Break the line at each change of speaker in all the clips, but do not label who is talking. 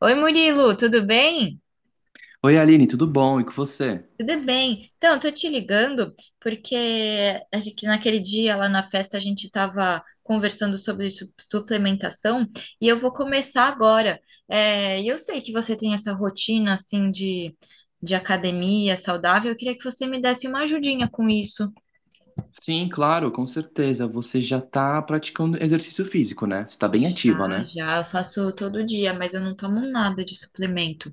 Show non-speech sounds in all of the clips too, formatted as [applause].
Oi, Murilo, tudo bem?
Oi, Aline, tudo bom? E com você?
Tudo bem. Então, eu tô te ligando porque que naquele dia lá na festa a gente estava conversando sobre suplementação e eu vou começar agora. E eu sei que você tem essa rotina assim de academia saudável. Eu queria que você me desse uma ajudinha com isso.
Sim, claro, com certeza. Você já está praticando exercício físico, né? Você está bem
Já,
ativa, né?
já, eu faço todo dia, mas eu não tomo nada de suplemento.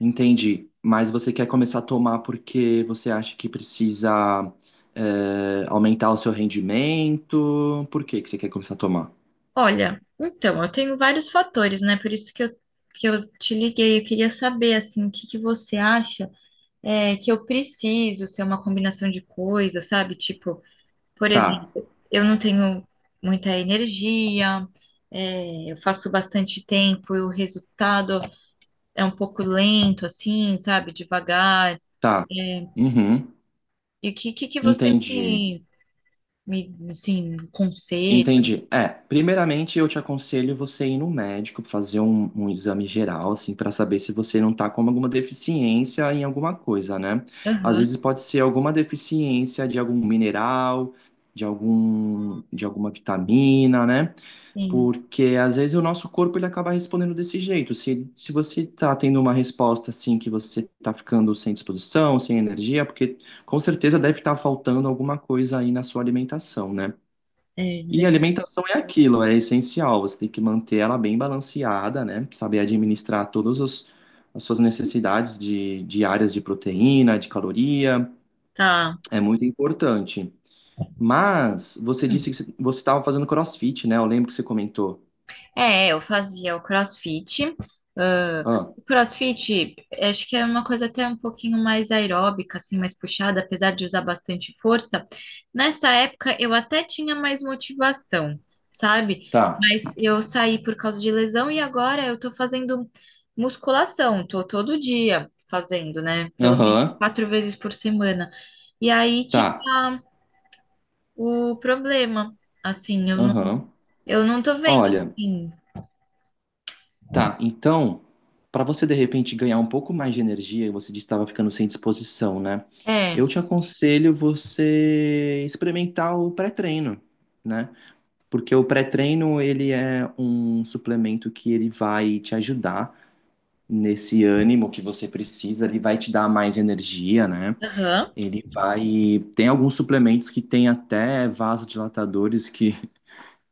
Entendi. Mas você quer começar a tomar porque você acha que precisa, aumentar o seu rendimento? Por que que você quer começar a tomar?
Olha, então, eu tenho vários fatores, né? Por isso que eu te liguei. Eu queria saber, assim, o que que você acha que eu preciso ser uma combinação de coisas, sabe? Tipo, por
Tá,
exemplo, eu não tenho muita energia, eu faço bastante tempo e o resultado é um pouco lento, assim, sabe? Devagar.
tá. Uhum.
E o que você
Entendi.
assim, conselha?
Entendi. Primeiramente eu te aconselho você ir no médico, fazer um exame geral, assim, para saber se você não tá com alguma deficiência em alguma coisa, né? Às
Aham,
vezes pode ser alguma deficiência de algum mineral, de alguma vitamina, né?
sim.
Porque às vezes o nosso corpo ele acaba respondendo desse jeito. Se você tá tendo uma resposta assim que você tá ficando sem disposição, sem energia, porque com certeza deve estar faltando alguma coisa aí na sua alimentação, né?
É,
E alimentação é aquilo, é essencial. Você tem que manter ela bem balanceada, né? Saber administrar todas os- As suas necessidades diárias de proteína, de caloria,
tá.
é muito importante. Mas você disse
Hum.
que você estava fazendo CrossFit, né? Eu lembro que você comentou.
É, eu fazia o CrossFit. ãh,
Ah,
o CrossFit, acho que era uma coisa até um pouquinho mais aeróbica, assim, mais puxada, apesar de usar bastante força. Nessa época, eu até tinha mais motivação, sabe?
tá.
Mas eu saí por causa de lesão e agora eu tô fazendo musculação, tô todo dia fazendo, né? Pelo menos
Aham,
quatro vezes por semana. E aí que
tá.
tá o problema. Assim,
Aham.
eu não tô vendo,
Olha.
assim.
Tá, então, para você de repente ganhar um pouco mais de energia, você disse que estava ficando sem disposição, né?
É.
Eu te aconselho você experimentar o pré-treino, né? Porque o pré-treino, ele é um suplemento que ele vai te ajudar nesse ânimo que você precisa, ele vai te dar mais energia, né?
Aham.
Ele vai... Tem alguns suplementos que tem até vasodilatadores que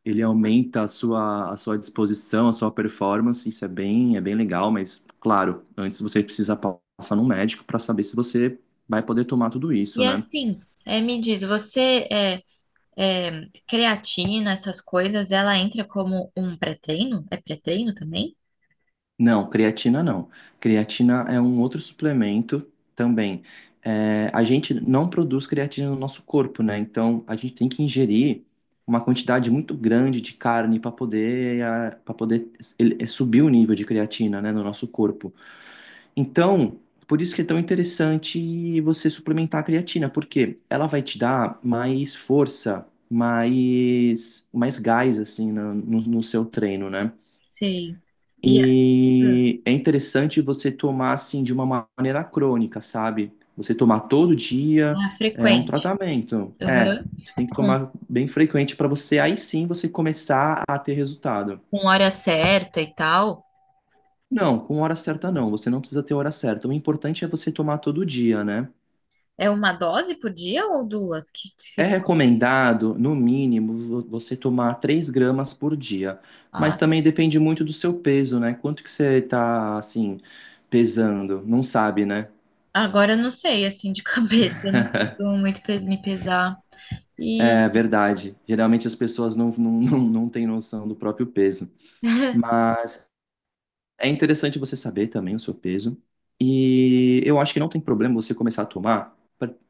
ele aumenta a sua disposição, a sua performance, isso é bem legal, mas claro, antes você precisa passar no médico para saber se você vai poder tomar tudo isso,
E
né?
assim, me diz, é, creatina, essas coisas, ela entra como um pré-treino? É pré-treino também?
Não, creatina não. Creatina é um outro suplemento também. É, a gente não produz creatina no nosso corpo, né? Então a gente tem que ingerir uma quantidade muito grande de carne para poder subir o nível de creatina, né, no nosso corpo. Então, por isso que é tão interessante você suplementar a creatina, porque ela vai te dar mais força, mais gás, assim, no seu treino, né?
Sim. E é
E é interessante você tomar, assim, de uma maneira crônica, sabe? Você tomar todo dia
ah, é
é um
frequente.
tratamento. É,
Aham.
você tem que
Com,
tomar bem frequente para você, aí sim, você começar a ter resultado.
com hora certa e tal.
Não, com hora certa não, você não precisa ter hora certa. O importante é você tomar todo dia, né?
É uma dose por dia ou duas?
É
Que-
recomendado, no mínimo, você tomar 3 gramas por dia, mas
ah,
também depende muito do seu peso, né? Quanto que você tá, assim, pesando? Não sabe, né?
agora eu não sei, assim, de [laughs] cabeça. Eu não costumo muito me pesar. E
É verdade. Geralmente as pessoas não têm noção do próprio peso.
[laughs]
Mas é interessante você saber também o seu peso. E eu acho que não tem problema você começar a tomar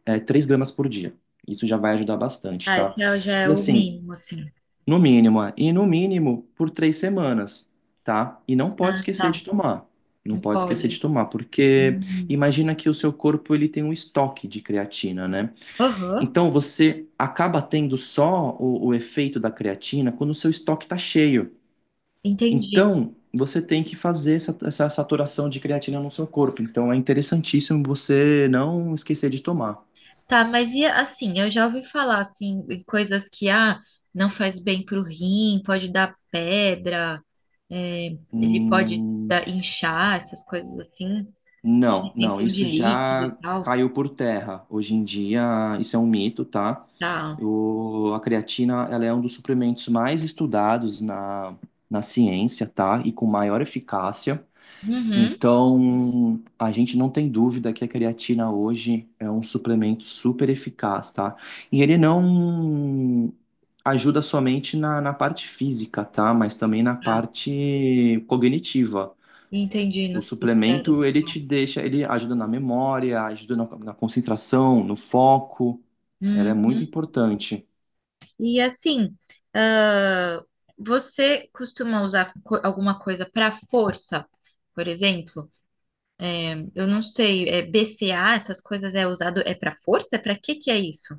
3 gramas por dia. Isso já vai ajudar bastante,
ah,
tá?
já é
E
o
assim,
mínimo, assim.
no mínimo, é. E no mínimo por três semanas, tá? E não pode
Ah,
esquecer
tá.
de tomar. Não
Não
pode esquecer
pode.
de tomar, porque
Hum.
imagina que o seu corpo ele tem um estoque de creatina, né?
Aham,
Então você acaba tendo só o efeito da creatina quando o seu estoque está cheio.
entendi.
Então você tem que fazer essa saturação de creatina no seu corpo. Então é interessantíssimo você não esquecer de tomar.
Tá, mas e assim, eu já ouvi falar assim, em coisas que ah, não faz bem pro rim, pode dar pedra, é, ele pode
Hum,
dar, inchar, essas coisas assim,
Não, não,
retenção de
isso
líquido e
já
tal.
caiu por terra. Hoje em dia, isso é um mito, tá?
Tá.
A creatina, ela é um dos suplementos mais estudados na ciência, tá? E com maior eficácia.
Uhum,
Então, a gente não tem dúvida que a creatina hoje é um suplemento super eficaz, tá? E ele não ajuda somente na parte física, tá? Mas também na
tá.
parte cognitiva.
Entendi no,
O
do cérebro
suplemento,
e
ele
tal.
te deixa, ele ajuda na memória, ajuda na concentração, no foco. Ela é muito
Uhum.
importante.
E assim, ah, você costuma usar alguma coisa para força, por exemplo? Eu não sei, é BCA, essas coisas é usado é para força? Para que que é isso?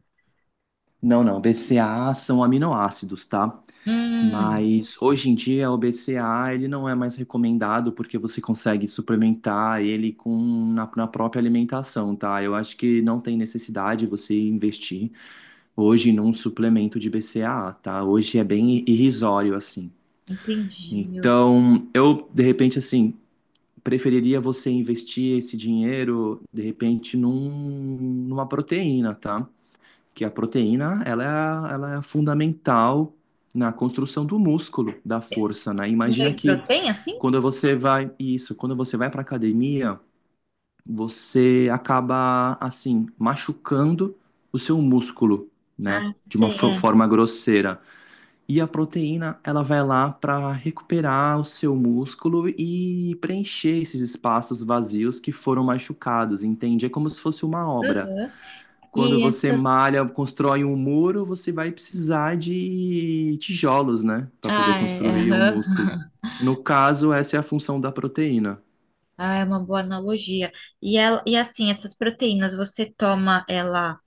Não, não, BCAA são aminoácidos, tá?
Hum,
Mas hoje em dia o BCAA ele não é mais recomendado porque você consegue suplementar ele com na própria alimentação, tá? Eu acho que não tem necessidade você investir hoje num suplemento de BCAA, tá? Hoje é bem irrisório assim.
entendi.
Então, eu de repente assim, preferiria você investir esse dinheiro, de repente, numa proteína, tá? Que a proteína, ela é fundamental na construção do músculo, da força, né?
Um
Imagina
whey
que
protein, assim?
quando você vai, isso, quando você vai para academia, você acaba, assim, machucando o seu músculo, né?
Ah,
De uma
sei, é.
forma grosseira. E a proteína, ela vai lá para recuperar o seu músculo e preencher esses espaços vazios que foram machucados, entende? É como se fosse uma obra.
Uhum.
Quando
E
você
essas...
malha, constrói um muro, você vai precisar de tijolos, né, para poder
Ah,
construir o
aham.
músculo.
[laughs]
No caso, essa é a função da proteína.
Ah, é uma boa analogia. E, ela, e assim, essas proteínas, você toma ela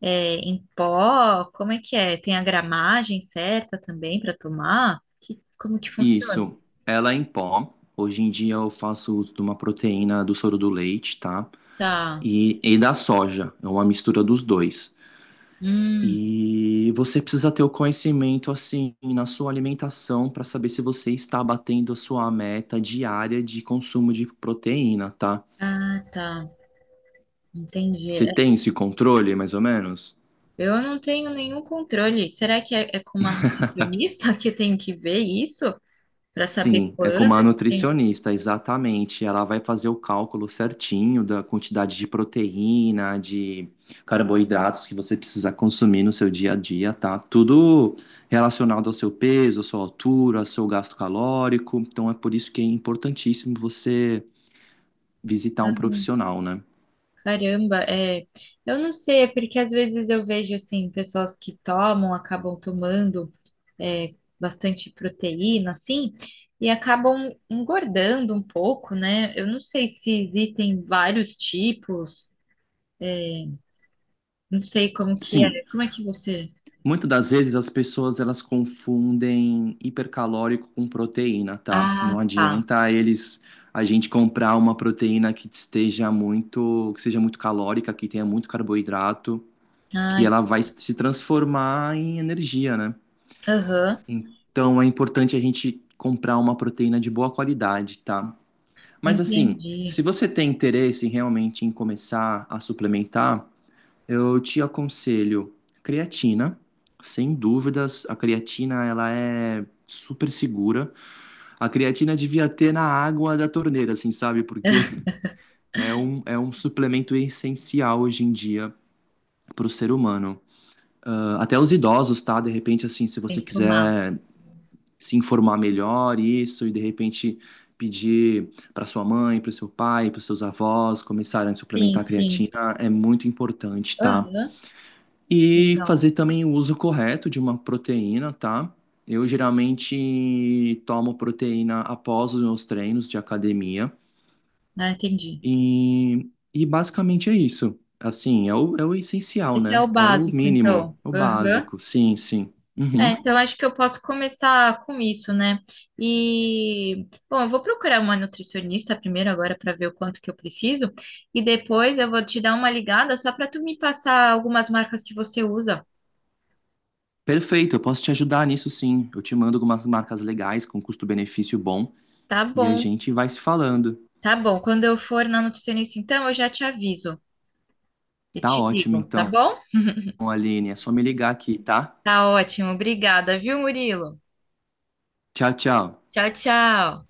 em pó? Como é que é? Tem a gramagem certa também para tomar? Que, como que funciona?
Isso, ela é em pó. Hoje em dia eu faço uso de uma proteína do soro do leite, tá?
Tá.
E da soja, é uma mistura dos dois.
Hum.
E você precisa ter o conhecimento assim na sua alimentação para saber se você está batendo a sua meta diária de consumo de proteína, tá?
Ah, tá. Entendi.
Você
É,
tem esse controle, mais ou menos?
eu não tenho nenhum controle. Será que é com uma nutricionista [laughs] que eu tenho que ver isso? Para saber
Sim, é com
quanto
uma
que tem.
nutricionista, exatamente. Ela vai fazer o cálculo certinho da quantidade de proteína, de carboidratos que você precisa consumir no seu dia a dia, tá? Tudo relacionado ao seu peso, à sua altura, ao seu gasto calórico. Então é por isso que é importantíssimo você visitar
Ah,
um profissional, né?
caramba, é. Eu não sei, é porque às vezes eu vejo assim, pessoas que tomam, acabam tomando é, bastante proteína, assim, e acabam engordando um pouco, né? Eu não sei se existem vários tipos, não sei como que é.
Sim,
Como é que você.
muitas das vezes as pessoas elas confundem hipercalórico com proteína, tá? Não
Ah, tá.
adianta eles A gente comprar uma proteína que esteja muito, que seja muito calórica, que tenha muito carboidrato, que
Ai,
ela vai se transformar em energia, né?
aham,
Então é importante a gente comprar uma proteína de boa qualidade, tá? Mas assim, se
entendi.
você tem interesse realmente em começar a suplementar, eu te aconselho creatina, sem dúvidas. A creatina, ela é super segura. A creatina devia ter na água da torneira, assim, sabe? Porque é um suplemento essencial hoje em dia para o ser humano. Ah, até os idosos, tá? De repente, assim, se
Tem
você
que tomar.
quiser se informar melhor isso e de repente pedir para sua mãe, para seu pai, para seus avós começarem a
Sim,
suplementar a
sim.
creatina, é muito importante, tá?
Aham,
E
legal.
fazer também o uso correto de uma proteína, tá? Eu geralmente tomo proteína após os meus treinos de academia
Ah, entendi.
e, e basicamente é isso. Assim, é o essencial,
Esse é
né?
o
É o
básico,
mínimo,
então.
o
Aham.
básico. Sim, sim.
É,
Uhum.
então acho que eu posso começar com isso, né? E, bom, eu vou procurar uma nutricionista primeiro agora para ver o quanto que eu preciso e depois eu vou te dar uma ligada só para tu me passar algumas marcas que você usa.
Perfeito, eu posso te ajudar nisso sim. Eu te mando algumas marcas legais com custo-benefício bom
Tá
e a
bom,
gente vai se falando.
tá bom. Quando eu for na nutricionista, então eu já te aviso e
Tá
te
ótimo,
digo, tá
então,
bom?
Aline. É só me ligar aqui, tá?
Tá ótimo, obrigada, viu, Murilo?
Tchau, tchau.
Tchau, tchau.